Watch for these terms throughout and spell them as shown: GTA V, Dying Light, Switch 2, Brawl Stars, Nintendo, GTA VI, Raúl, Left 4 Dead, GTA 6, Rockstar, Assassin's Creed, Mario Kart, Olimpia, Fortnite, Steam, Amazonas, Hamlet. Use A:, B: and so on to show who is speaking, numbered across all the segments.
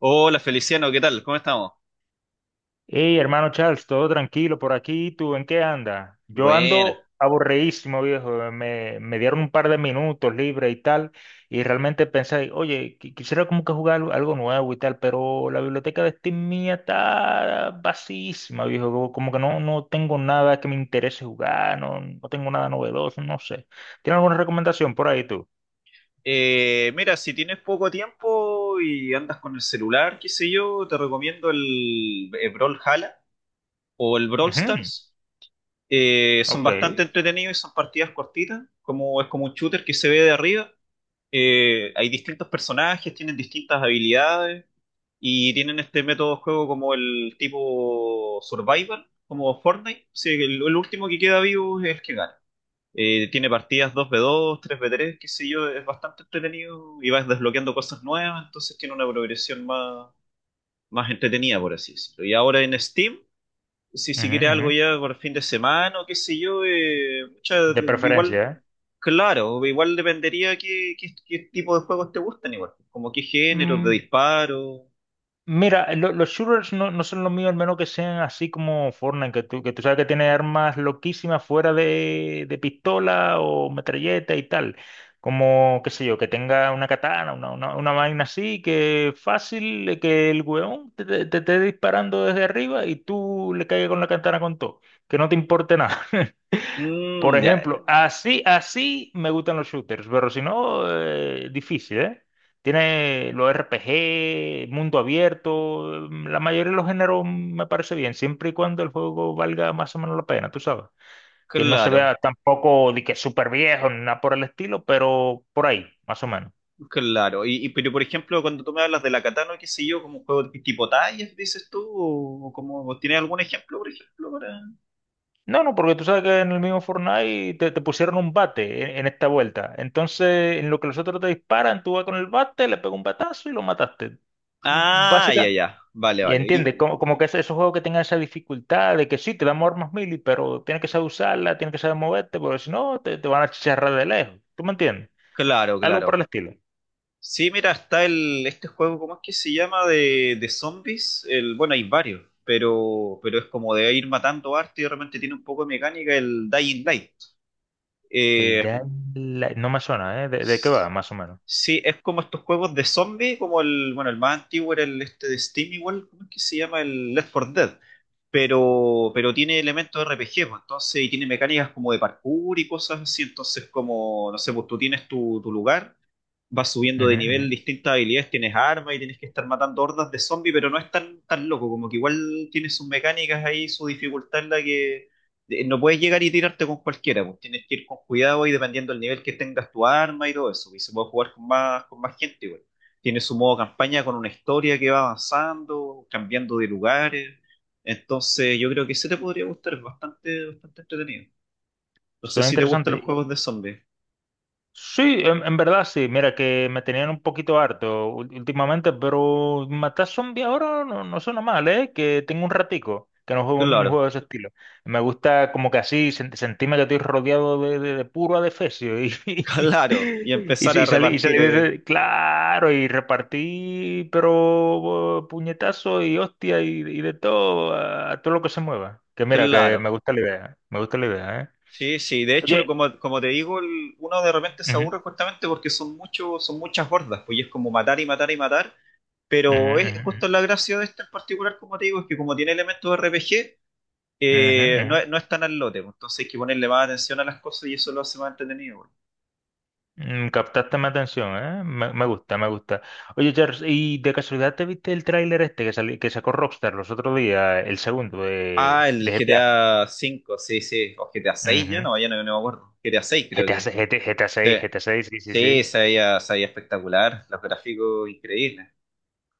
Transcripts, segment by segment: A: Hola Feliciano, ¿qué tal? ¿Cómo estamos?
B: Hey, hermano Charles, todo tranquilo por aquí. ¿Tú en qué andas? Yo
A: Buena.
B: ando aburridísimo, viejo. Me dieron un par de minutos libre y tal. Y realmente pensé, oye, quisiera como que jugar algo nuevo y tal, pero la biblioteca de Steam mía está vacísima, viejo. Como que no tengo nada que me interese jugar, no tengo nada novedoso, no sé. ¿Tienes alguna recomendación por ahí tú?
A: Mira, si tienes poco tiempo y andas con el celular, qué sé yo, te recomiendo el Brawl Hala o el Brawl
B: Ujú.
A: Stars. Son
B: Ok.
A: bastante entretenidos y son partidas cortitas, como es como un shooter que se ve de arriba. Hay distintos personajes, tienen distintas habilidades y tienen este método de juego como el tipo Survival, como Fortnite. Sí, el último que queda vivo es el que gana. Tiene partidas 2v2 3v3, qué sé yo, es bastante entretenido y vas desbloqueando cosas nuevas, entonces tiene una progresión más, más entretenida, por así decirlo. Y ahora en Steam, si
B: Ujú,
A: quieres
B: ujú.
A: algo ya por fin de semana o qué sé yo, pucha,
B: De
A: igual,
B: preferencia,
A: claro, igual dependería qué tipo de juegos te gustan, igual, como qué género, de
B: ¿eh?
A: disparo.
B: Mira, los shooters no son lo mío, al menos que sean así como Fortnite, que tú sabes que tiene armas loquísimas fuera de pistola o metralleta y tal. Como, qué sé yo, que tenga una katana, una vaina así, que fácil, que el weón te esté disparando desde arriba y tú le caigas con la katana con todo, que no te importe nada. Por
A: Mm, ya,
B: ejemplo, así, así me gustan los shooters, pero si no, difícil, ¿eh? Tiene los RPG, mundo abierto, la mayoría de los géneros me parece bien, siempre y cuando el juego valga más o menos la pena, tú sabes. Que no se vea
A: claro.
B: tampoco de que súper viejo, ni nada por el estilo, pero por ahí, más o menos.
A: Claro, pero por ejemplo, cuando tú me hablas de la Katana, qué sé yo, como un juego de tipo tallas, dices tú, o como, ¿o ¿tienes algún ejemplo, por ejemplo, para...?
B: No, no, porque tú sabes que en el mismo Fortnite te pusieron un bate en esta vuelta. Entonces, en lo que los otros te disparan, tú vas con el bate, le pegas un batazo y lo mataste.
A: Ah, ya,
B: Básicamente.
A: ya, vale,
B: Y
A: vale, y,
B: entiende, como que esos juegos que tengan esa dificultad de que sí, te dan armas mili, pero tienes que saber usarla, tienes que saber moverte, porque si no, te van a chicharrar de lejos. ¿Tú me entiendes?
A: claro,
B: Algo por el
A: claro.
B: estilo.
A: Sí, mira, está este juego. ¿Cómo es que se llama? De zombies, el, bueno, hay varios, pero es como de ir matando arte, y realmente tiene un poco de mecánica, el Dying Light.
B: El
A: Eh,
B: Dying Light. No me suena, ¿eh? De qué va, más o menos?
A: Sí, es como estos juegos de zombie, como el, bueno, el más antiguo era el este de Steam igual. ¿Cómo es que se llama? El Left 4 Dead, pero tiene elementos de RPG, pues, entonces, y tiene mecánicas como de parkour y cosas así, entonces como, no sé, pues tú tienes tu, lugar, vas subiendo
B: Ujú,
A: de
B: ujú.
A: nivel distintas habilidades, tienes armas y tienes que estar matando hordas de zombies, pero no es tan loco, como que igual tiene sus mecánicas ahí, su dificultad, en la que no puedes llegar y tirarte con cualquiera, pues tienes que ir con cuidado y dependiendo del nivel que tengas tu arma y todo eso, y se puede jugar con más gente igual. Tiene su modo campaña con una historia que va avanzando, cambiando de lugares. Entonces, yo creo que ese te podría gustar, es bastante, bastante entretenido. No sé
B: Suena
A: si te gustan los
B: interesante.
A: juegos de zombies.
B: Sí, en verdad sí. Mira que me tenían un poquito harto últimamente, pero matar zombies ahora no suena mal, ¿eh? Que tengo un ratico que no juego un
A: Claro,
B: juego de ese estilo. Me gusta como que así sentirme que estoy rodeado de puro adefesio y,
A: claro. Y
B: y,
A: empezar
B: sí,
A: a
B: y
A: repartir.
B: salí de ese- claro, y repartí, pero puñetazo y hostia y de todo, a todo lo que se mueva. Que mira, que
A: Claro,
B: me gusta la idea, me gusta la idea, ¿eh?
A: sí, sí. De hecho,
B: Oye.
A: como, te digo, uno de repente se
B: Ujú,
A: aburre justamente porque son muchos, son muchas hordas, pues, y es como matar y matar y matar. Pero es
B: ujú,
A: justo la gracia de este en particular, como te digo, es que como tiene elementos de RPG,
B: ujú, ujú,
A: no,
B: ujú.
A: no es tan al lote, pues, entonces hay que ponerle más atención a las cosas, y eso lo hace más entretenido, pues.
B: Mm, captaste mi atención, ¿eh? Me gusta, me gusta. Oye, Charles, ¿y de casualidad te viste el tráiler este que sacó Rockstar los otros días, el segundo
A: Ah,
B: de,
A: el
B: de GTA?
A: GTA V, sí, sí. O GTA 6, ya
B: Ujú.
A: no, ya no, no me acuerdo. GTA 6, creo
B: GTA,
A: que.
B: se- GT GTA
A: Sí,
B: 6, GTA 6, sí, sí,
A: sí,
B: sí.
A: se veía espectacular, los gráficos increíbles.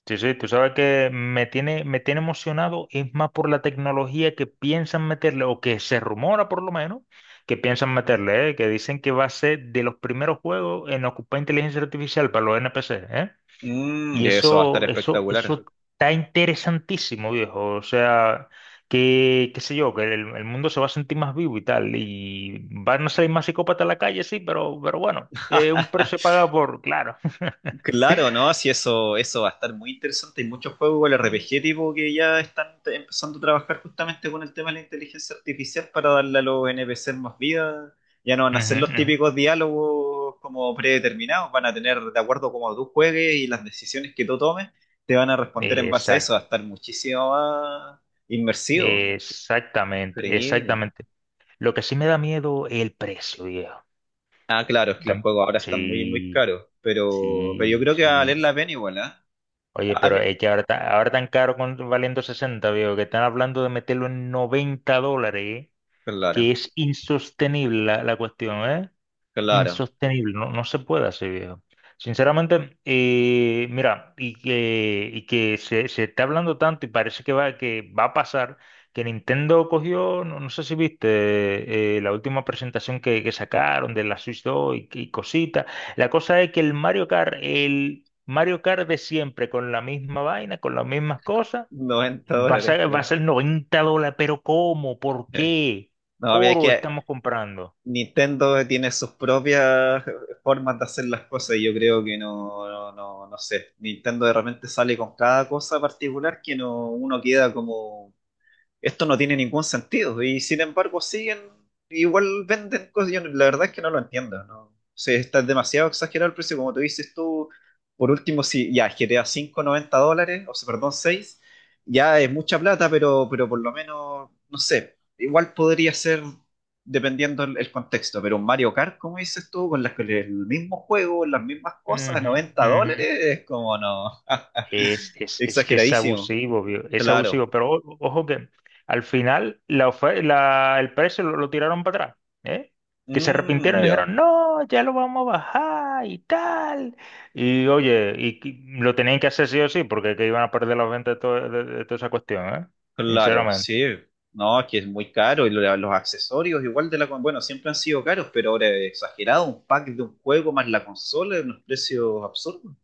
B: Sí, sí, tú sabes que me tiene emocionado, es más por la tecnología que piensan meterle, o que se rumora por lo menos, que piensan meterle, ¿eh? Que dicen que va a ser de los primeros juegos en ocupar inteligencia artificial para los NPC, ¿eh?
A: Mm,
B: Y
A: y eso va a estar
B: eso, eso,
A: espectacular.
B: eso está interesantísimo, viejo. O sea, que, qué sé yo, que el mundo se va a sentir más vivo y tal. Y van a salir más psicópatas a la calle, sí, pero bueno, un precio pagado por, claro.
A: Claro, ¿no? Sí, eso va a estar muy interesante. Hay muchos juegos con el RPG tipo que ya están empezando a trabajar justamente con el tema de la inteligencia artificial para darle a los NPC más vida. Ya no van a ser
B: Ujú,
A: los
B: ujú.
A: típicos diálogos como predeterminados, van a tener, de acuerdo como tú juegues y las decisiones que tú tomes, te van a responder en base a eso. Va
B: Exacto,
A: a estar muchísimo más inmersivo.
B: exactamente,
A: Increíble.
B: exactamente. Lo que sí me da miedo es el precio, viejo.
A: Ah, claro, es que los
B: Tan-
A: juegos ahora están muy, muy
B: Sí,
A: caros, pero yo
B: sí,
A: creo que va a valer
B: sí.
A: la pena igual, ¿eh?
B: Oye,
A: A mí-
B: pero es que ahora, está- ahora tan caro con, valiendo 60, viejo, que están hablando de meterlo en $90, ¿eh? Que
A: claro.
B: es insostenible la cuestión, ¿eh?
A: Claro,
B: Insostenible, no se puede así, viejo. Sinceramente, mira, y que, se está hablando tanto y parece que va a pasar, que Nintendo cogió, no sé si viste, la última presentación que sacaron de la Switch 2 y cositas. La cosa es que el Mario Kart de siempre, con la misma vaina, con las mismas cosas,
A: noventa dólares,
B: va a
A: claro.
B: ser $90, pero ¿cómo? ¿Por qué?
A: No, es
B: Oro
A: que
B: estamos comprando.
A: Nintendo tiene sus propias formas de hacer las cosas, y yo creo que no, no, no, no sé. Nintendo de repente sale con cada cosa particular que no, uno queda como, esto no tiene ningún sentido. Y sin embargo, siguen, igual venden cosas. Yo la verdad es que no lo entiendo, ¿no? O sea, está demasiado exagerado el precio, como tú dices tú. Por último, si ya GTA 5 $90, o sea, perdón, seis, ya es mucha plata, pero por lo menos, no sé, igual podría ser dependiendo el contexto, pero un Mario Kart, como dices tú, con las, con el mismo juego, las mismas cosas,
B: Ujú,
A: $90,
B: ujú.
A: es como no,
B: Es, es, es que es
A: exageradísimo,
B: abusivo, vio, es
A: claro.
B: abusivo, pero ojo que al final la el precio lo tiraron para atrás, ¿eh? Que se
A: Mm,
B: arrepintieron y dijeron,
A: ya.
B: no, ya lo vamos a bajar y tal. Y oye, lo tenían que hacer sí o sí, porque que iban a perder los ventas de toda esa cuestión, ¿eh?
A: Claro,
B: Sinceramente.
A: sí. No, que es muy caro, y los accesorios igual de la... bueno, siempre han sido caros, pero ahora es exagerado. Un pack de un juego más la consola es unos precios absurdos,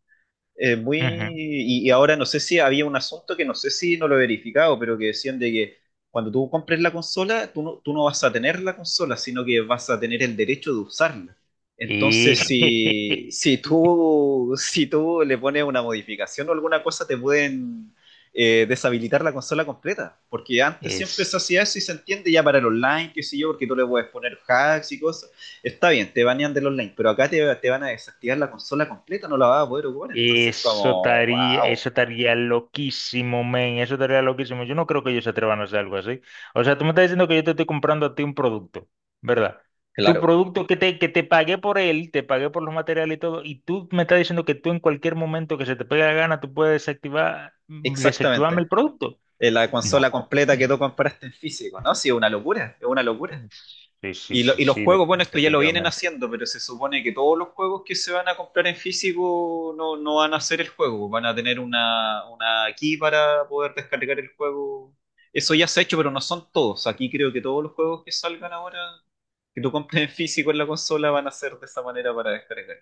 A: muy...
B: Ujú.
A: Y, y ahora no sé si había un asunto, que no sé si no lo he verificado, pero que decían de que cuando tú compres la consola, tú no vas a tener la consola, sino que vas a tener el derecho de usarla.
B: Y
A: Entonces, si, si tú, si tú le pones una modificación o alguna cosa, te pueden deshabilitar la consola completa. Porque antes siempre se
B: es...
A: hacía eso, y se entiende ya para el online, qué sé yo, porque tú le puedes poner hacks y cosas. Está bien, te banean del online, pero acá te van a desactivar la consola completa, no la vas a poder ocupar. Entonces, como, wow.
B: Eso estaría loquísimo, men, eso estaría loquísimo. Yo no creo que ellos se atrevan a hacer algo así. O sea, tú me estás diciendo que yo te estoy comprando a ti un producto, ¿verdad? Tu
A: Claro,
B: producto que te pagué por él, te pagué por los materiales y todo, y tú me estás diciendo que tú en cualquier momento que se te pegue la gana, tú puedes desactivarme
A: exactamente.
B: el producto.
A: La
B: No.
A: consola completa que tú compraste en físico, ¿no? Sí, es una locura, es una locura.
B: Sí, sí,
A: Y,
B: sí,
A: y los
B: sí,
A: juegos, bueno, esto ya lo vienen
B: definitivamente.
A: haciendo, pero se supone que todos los juegos que se van a comprar en físico no, no van a hacer el juego, van a tener una, key para poder descargar el juego. Eso ya se ha hecho, pero no son todos. Aquí creo que todos los juegos que salgan ahora, que tú compres en físico en la consola, van a ser de esa manera, para descargar.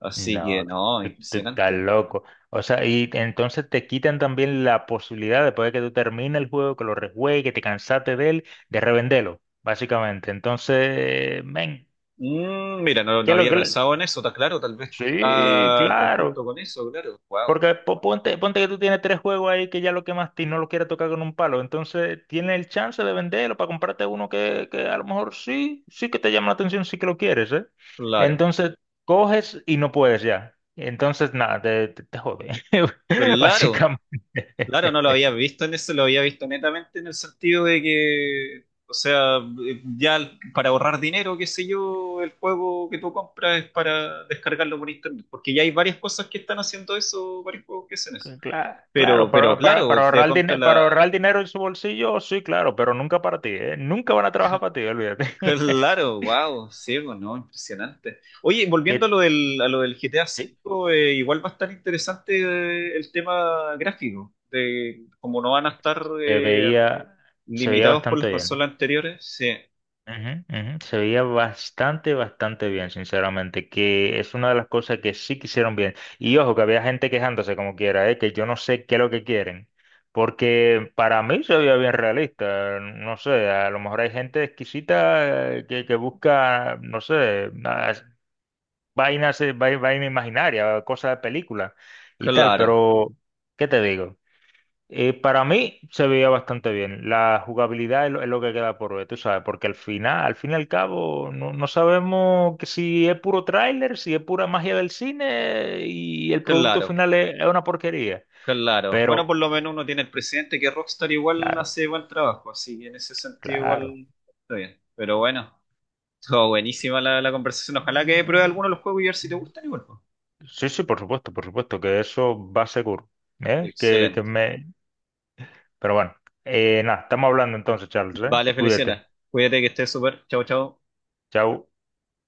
A: Así que
B: No,
A: no,
B: tú estás
A: impresionante.
B: loco. O sea, y entonces te quitan también la posibilidad, después de que tú termines el juego, que lo rejuegues, que te cansaste de él, de revenderlo, básicamente. Entonces, men,
A: Mm, mira, no,
B: ¿qué
A: no
B: es lo
A: había
B: que le-
A: pensado en eso, está claro, tal vez
B: Sí,
A: está en
B: claro.
A: conjunto con eso, claro. Wow,
B: Porque ponte que tú tienes tres juegos ahí que ya lo quemaste y no lo quieres tocar con un palo. Entonces, tienes el chance de venderlo para comprarte uno que a lo mejor sí, sí que te llama la atención, sí que lo quieres, ¿eh?
A: claro,
B: Entonces, coges y no puedes ya. Entonces, nada, te jode.
A: claro.
B: Básicamente.
A: Claro, no lo había visto en eso, lo había visto netamente en el sentido de que, o sea, ya para ahorrar dinero, qué sé yo, el juego que tú compras es para descargarlo por internet, porque ya hay varias cosas que están haciendo eso, varios juegos que hacen eso.
B: Claro,
A: Pero,
B: claro,
A: pero
B: para, para,
A: claro,
B: para
A: te
B: ahorrar
A: compras
B: dinero,
A: la...
B: para ahorrar dinero en su bolsillo, sí, claro, pero nunca para ti, ¿eh? Nunca van a trabajar para ti, olvídate.
A: Claro, wow, sí, bueno, impresionante. Oye, volviendo a
B: Que
A: lo del, GTA
B: sí,
A: V, igual va a estar interesante, el tema gráfico, de cómo no van a estar...
B: se veía, se veía
A: limitados por las
B: bastante bien.
A: consolas anteriores, sí,
B: Ujú, ujú. Se veía bastante, bastante bien, sinceramente, que es una de las cosas que sí que hicieron bien. Y ojo, que había gente quejándose como quiera, ¿eh? Que yo no sé qué es lo que quieren, porque para mí se veía bien realista, no sé, a lo mejor hay gente exquisita que busca, no sé, unas vainas, vaina imaginaria, cosas de película y tal,
A: claro,
B: pero, ¿qué te digo? Para mí se veía bastante bien. La jugabilidad es lo que queda por ver, tú sabes, porque al final, al fin y al cabo, no sabemos que si es puro tráiler, si es pura magia del cine y el producto
A: claro,
B: final es una porquería.
A: claro. Bueno,
B: Pero,
A: por lo menos uno tiene el presidente que Rockstar igual
B: claro,
A: hace buen trabajo, así que en ese sentido
B: claro.
A: igual está bien. Pero bueno, todo buenísima la conversación. Ojalá que pruebe
B: Eh,
A: alguno de los juegos y a ver si te gustan igual, pues.
B: Sí, sí, por supuesto, que eso va seguro. ¿Eh? Que
A: Excelente.
B: me... Pero bueno, nada, estamos hablando entonces, Charles, ¿eh?
A: Vale,
B: Cuídate.
A: Feliciana. Cuídate, que estés súper. Chao, chao.
B: Chao.